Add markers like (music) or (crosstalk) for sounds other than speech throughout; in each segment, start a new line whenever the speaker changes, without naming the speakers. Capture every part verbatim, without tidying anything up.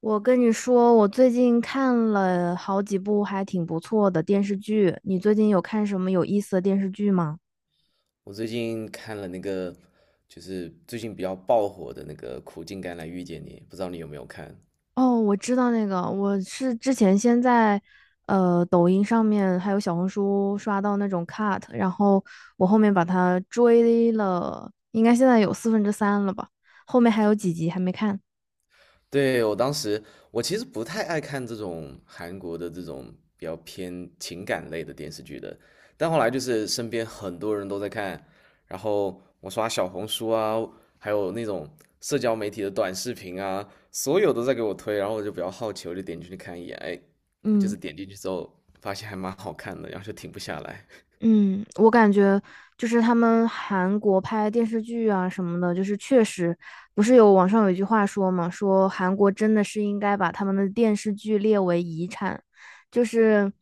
我跟你说，我最近看了好几部还挺不错的电视剧。你最近有看什么有意思的电视剧吗？
我最近看了那个，就是最近比较爆火的那个《苦尽甘来遇见你》，不知道你有没有看？
哦，我知道那个，我是之前先在呃抖音上面还有小红书刷到那种 cut，然后我后面把它追了，应该现在有四分之三了吧，后面还有几集还没看。
对，我当时，我其实不太爱看这种韩国的这种比较偏情感类的电视剧的，但后来就是身边很多人都在看，然后我刷小红书啊，还有那种社交媒体的短视频啊，所有都在给我推，然后我就比较好奇，我就点进去看一眼，哎，就
嗯。
是点进去之后发现还蛮好看的，然后就停不下来。
嗯，我感觉就是他们韩国拍电视剧啊什么的，就是确实不是有网上有一句话说嘛，说韩国真的是应该把他们的电视剧列为遗产，就是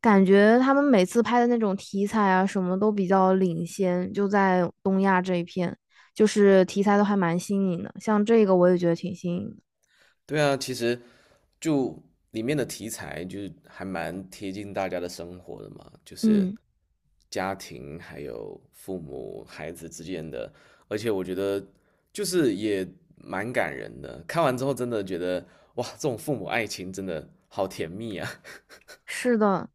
感觉他们每次拍的那种题材啊什么都比较领先，就在东亚这一片，就是题材都还蛮新颖的，像这个我也觉得挺新颖的。
对啊，其实就里面的题材就是还蛮贴近大家的生活的嘛，就是
嗯。
家庭还有父母孩子之间的，而且我觉得就是也蛮感人的。看完之后真的觉得哇，这种父母爱情真的好甜蜜啊！(laughs)
是的，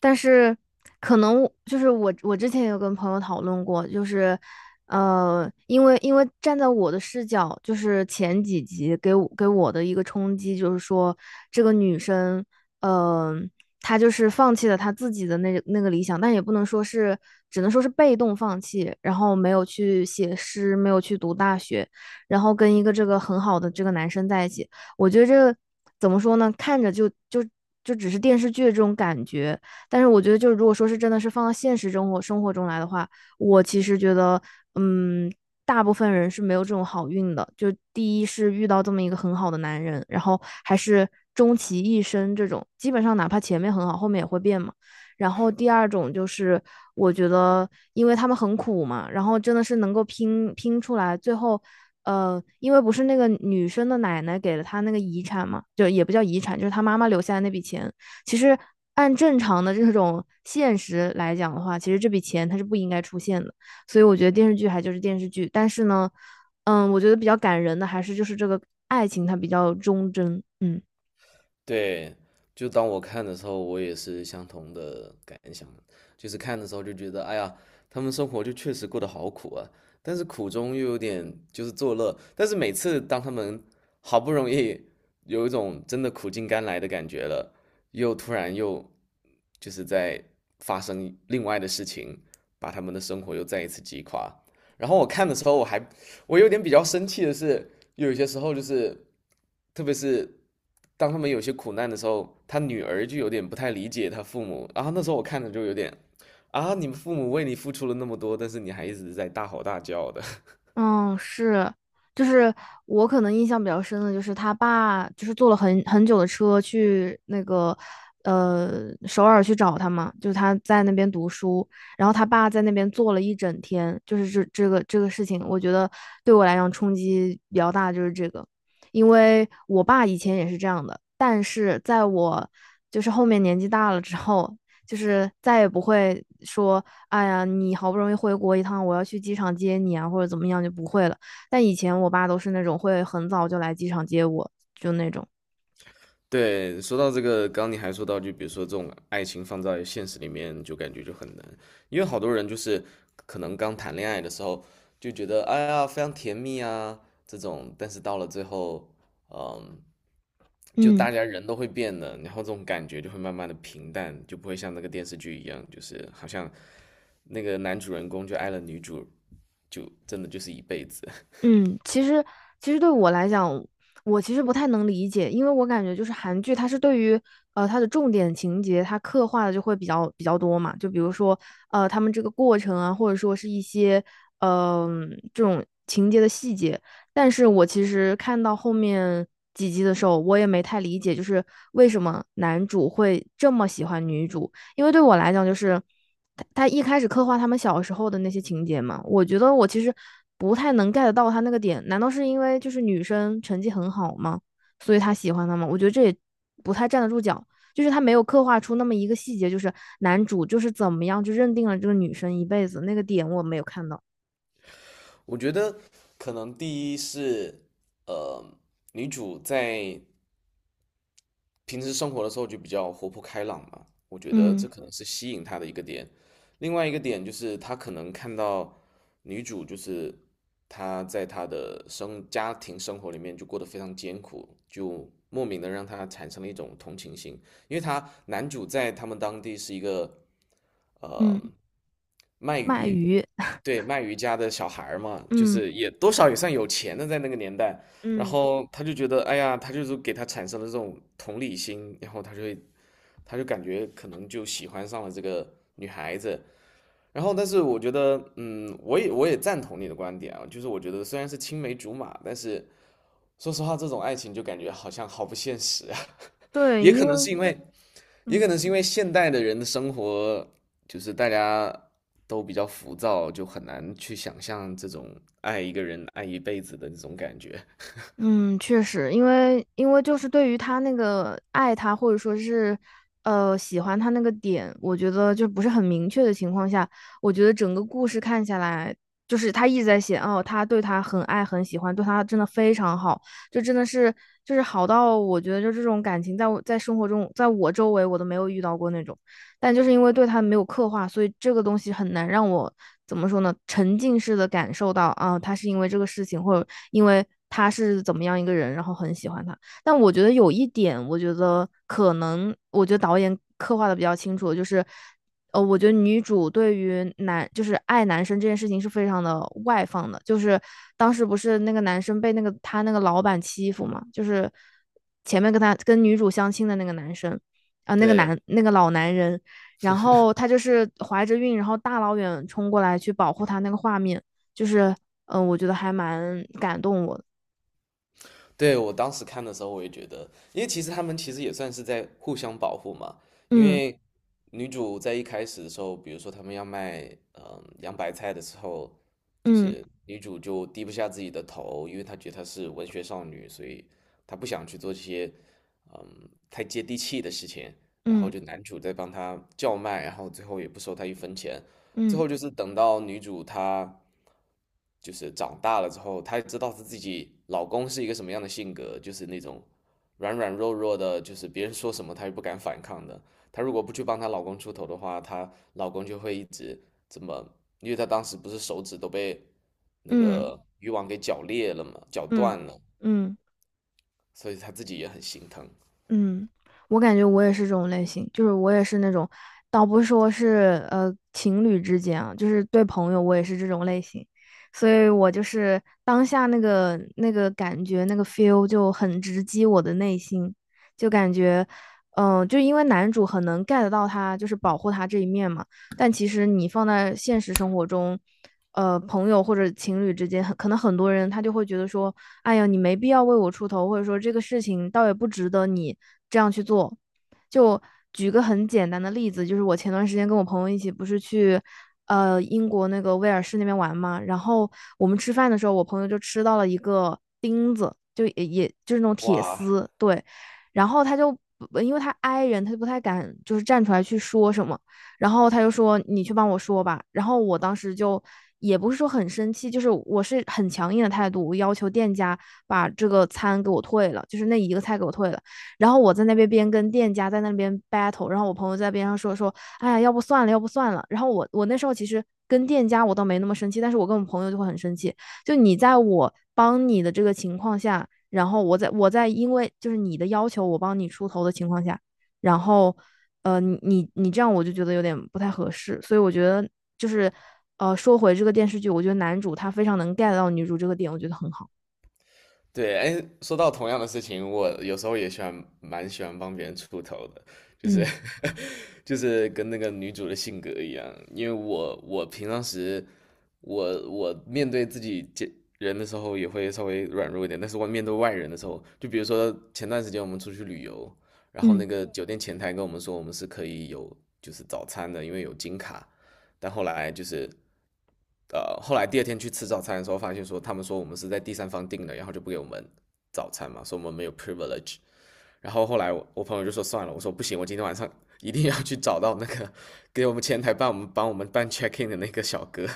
但是可能就是我，我之前有跟朋友讨论过，就是，呃，因为因为站在我的视角，就是前几集给我给我的一个冲击，就是说这个女生，呃，她就是放弃了她自己的那那个理想，但也不能说是，只能说是被动放弃，然后没有去写诗，没有去读大学，然后跟一个这个很好的这个男生在一起。我觉得这个怎么说呢？看着就就就只是电视剧的这种感觉，但是我觉得就是如果说是真的是放到现实生活生活中来的话，我其实觉得，嗯，大部分人是没有这种好运的。就第一是遇到这么一个很好的男人，然后还是终其一生这种，基本上哪怕前面很好，后面也会变嘛。然后第二种就是我觉得，因为他们很苦嘛，然后真的是能够拼拼出来，最后。呃，因为不是那个女生的奶奶给了他那个遗产嘛，就也不叫遗产，就是他妈妈留下的那笔钱。其实按正常的这种现实来讲的话，其实这笔钱它是不应该出现的。所以我觉得电视剧还就是电视剧，但是呢，嗯，我觉得比较感人的还是就是这个爱情它比较忠贞，嗯。
对，就当我看的时候，我也是相同的感想，就是看的时候就觉得，哎呀，他们生活就确实过得好苦啊，但是苦中又有点就是作乐，但是每次当他们好不容易有一种真的苦尽甘来的感觉了，又突然又就是在发生另外的事情，把他们的生活又再一次击垮。然后我看的时候，我还我有点比较生气的是，有一些时候就是，特别是当他们有些苦难的时候，他女儿就有点不太理解他父母。然后那时候我看着就有点，啊，你们父母为你付出了那么多，但是你还一直在大吼大叫的。
嗯，是，就是我可能印象比较深的就是他爸就是坐了很很久的车去那个呃首尔去找他嘛，就是他在那边读书，然后他爸在那边坐了一整天，就是这这个这个事情，我觉得对我来讲冲击比较大，就是这个，因为我爸以前也是这样的，但是在我就是后面年纪大了之后，就是再也不会说。哎呀，你好不容易回国一趟，我要去机场接你啊，或者怎么样就不会了。但以前我爸都是那种会很早就来机场接我，就那种。
(laughs) 对，说到这个，刚刚你还说到，就比如说这种爱情放在现实里面，就感觉就很难，因为好多人就是可能刚谈恋爱的时候就觉得，哎呀，非常甜蜜啊这种，但是到了最后，嗯，就
嗯。
大家人都会变的，然后这种感觉就会慢慢的平淡，就不会像那个电视剧一样，就是好像那个男主人公就爱了女主，就真的就是一辈子。
嗯，其实其实对我来讲，我其实不太能理解，因为我感觉就是韩剧，它是对于呃它的重点情节，它刻画的就会比较比较多嘛，就比如说呃他们这个过程啊，或者说是一些嗯、这种情节的细节。但是我其实看到后面几集的时候，我也没太理解，就是为什么男主会这么喜欢女主。因为对我来讲，就是他他一开始刻画他们小时候的那些情节嘛，我觉得我其实不太能 get 到他那个点。难道是因为就是女生成绩很好吗？所以他喜欢她吗？我觉得这也不太站得住脚。就是他没有刻画出那么一个细节，就是男主就是怎么样就认定了这个女生一辈子那个点，我没有看到。
(laughs) 我觉得可能第一是，呃，女主在平时生活的时候就比较活泼开朗嘛，我觉得
嗯
这可能是吸引他的一个点。另外一个点就是他可能看到女主就是她在她的生家庭生活里面就过得非常艰苦，就莫名的让他产生了一种同情心，因为他男主在他们当地是一个
嗯，
呃卖
卖
鱼，
鱼，
对卖鱼家的小孩儿嘛，就
嗯
是也多少也算有钱的在那个年代。然
嗯，
后他就觉得，哎呀，他就是给他产生了这种同理心，然后他就会他就感觉可能就喜欢上了这个女孩子。然后，但是我觉得，嗯，我也我也赞同你的观点啊，就是我觉得虽然是青梅竹马，但是说实话，这种爱情就感觉好像好不现实啊。(laughs)
对，
也可
因
能是
为
因为，也可
嗯。
能是因为现代的人的生活，就是大家都比较浮躁，就很难去想象这种爱一个人爱一辈子的这种感觉。
嗯，确实，因为因为就是对于他那个爱他或者说是，呃，喜欢他那个点，我觉得就不是很明确的情况下，我觉得整个故事看下来，就是他一直在写哦，他对他很爱很喜欢，对他真的非常好，就真的是就是好到我觉得就这种感情在我在生活中在我周围我都没有遇到过那种。但就是因为对他没有刻画，所以这个东西很难让我怎么说呢，沉浸式的感受到啊，他是因为这个事情，或者因为他是怎么样一个人，然后很喜欢他。但我觉得有一点，我觉得可能，我觉得导演刻画的比较清楚，就是。呃，我觉得女主对于男就是爱男生这件事情是非常的外放的，就是当时不是那个男生被那个他那个老板欺负嘛，就是前面跟他跟女主相亲的那个男生啊、呃那个
对，
男那个老男人，然后他就是怀着孕，然后大老远冲过来去保护他那个画面，就是嗯、呃我觉得还蛮感动我的。
对，我当时看的时候，我也觉得，因为其实他们其实也算是在互相保护嘛。因为女主在一开始的时候，比如说他们要卖嗯洋白菜的时候，就
嗯
是女主就低不下自己的头，因为她觉得她是文学少女，所以她不想去做这些嗯太接地气的事情。然后
嗯
就男主在帮她叫卖，然后最后也不收她一分钱。最
嗯
后就是等到女主她就是长大了之后，她知道她自己老公是一个什么样的性格，就是那种软软弱弱的，就是别人说什么她也不敢反抗的。她如果不去帮她老公出头的话，她老公就会一直这么，因为她当时不是手指都被那
嗯
个渔网给绞裂了嘛，绞
嗯嗯
断了，
嗯。嗯嗯嗯
所以她自己也很心疼。
嗯，我感觉我也是这种类型，就是我也是那种，倒不是说是呃情侣之间啊，就是对朋友我也是这种类型，所以我就是当下那个那个感觉那个 feel 就很直击我的内心，就感觉，嗯、就因为男主很能 get 到他就是保护他这一面嘛。但其实你放在现实生活中，呃，朋友或者情侣之间，很可能很多人他就会觉得说，哎呀，你没必要为我出头，或者说这个事情倒也不值得你这样去做。就举个很简单的例子，就是我前段时间跟我朋友一起不是去。呃，英国那个威尔士那边玩嘛，然后我们吃饭的时候，我朋友就吃到了一个钉子，就也也就是那种铁
哇，
丝，对，然后他就因为他 i 人，他就不太敢就是站出来去说什么，然后他就说你去帮我说吧。然后我当时就也不是说很生气，就是我是很强硬的态度，我要求店家把这个餐给我退了，就是那一个菜给我退了。然后我在那边边跟店家在那边 battle，然后我朋友在边上说说，哎呀，要不算了，要不算了。然后我我那时候其实跟店家我倒没那么生气，但是我跟我朋友就会很生气。就你在我帮你的这个情况下，然后我在我在因为就是你的要求我帮你出头的情况下，然后呃，你你你这样我就觉得有点不太合适，所以我觉得就是呃，说回这个电视剧，我觉得男主他非常能 get 到女主这个点，我觉得很好。
对，哎，说到同样的事情，我有时候也喜欢，蛮喜欢帮别人出头的，就是
嗯
(laughs) 就是跟那个女主的性格一样，因为我我平常时我我面对自己见人的时候也会稍微软弱一点，但是我面对外人的时候，就比如说前段时间我们出去旅游，然后
嗯
那个酒店前台跟我们说我们是可以有就是早餐的，因为有金卡，但后来就是，呃，后来第二天去吃早餐的时候，发现说他们说我们是在第三方订的，然后就不给我们早餐嘛，说我们没有 privilege。然后后来我我朋友就说算了，我说不行，我今天晚上一定要去找到那个 (laughs) 给我们前台办我们帮我们办 check in 的那个小哥，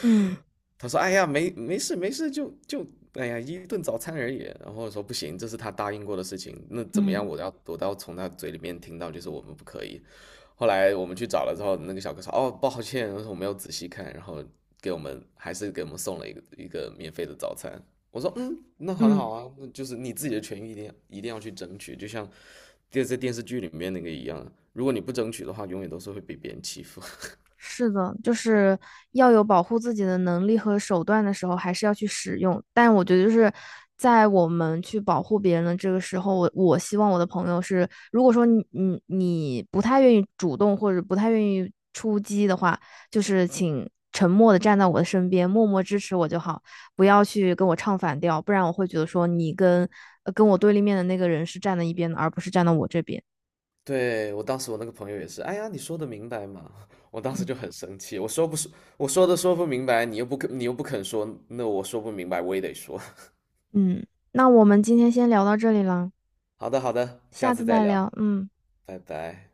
嗯
他说：“哎呀，没没事没事，就就哎呀一顿早餐而已。”然后我说：“不行，这是他答应过的事情，那怎么样？
嗯
我要我都要从他嘴里面听到，就是我们不可以。”后来我们去找了之后，那个小哥说：“哦，抱歉，我说我没有仔细看。”然后给我们还是给我们送了一个一个免费的早餐。我说：“嗯，那很
嗯。
好啊，那就是你自己的权益一定要一定要去争取，就像电在电视剧里面那个一样，如果你不争取的话，永远都是会被别人欺负。”
是的，就是要有保护自己的能力和手段的时候，还是要去使用。但我觉得就是在我们去保护别人的这个时候，我我希望我的朋友是，如果说你你你不太愿意主动或者不太愿意出击的话，就是请沉默的站在我的身边，默默支持我就好，不要去跟我唱反调，不然我会觉得说你跟呃跟我对立面的那个人是站在一边的，而不是站到我这边。
对，我当时我那个朋友也是，哎呀，你说的明白嘛？(laughs) 我当时
嗯
就很生气，我说不说，我说的说不明白，你又不肯，你又不肯说，那我说不明白，我也得说。
嗯，那我们今天先聊到这里了。
(laughs) 好的，好的，下
下次
次再
再
聊，
聊，嗯。
拜拜。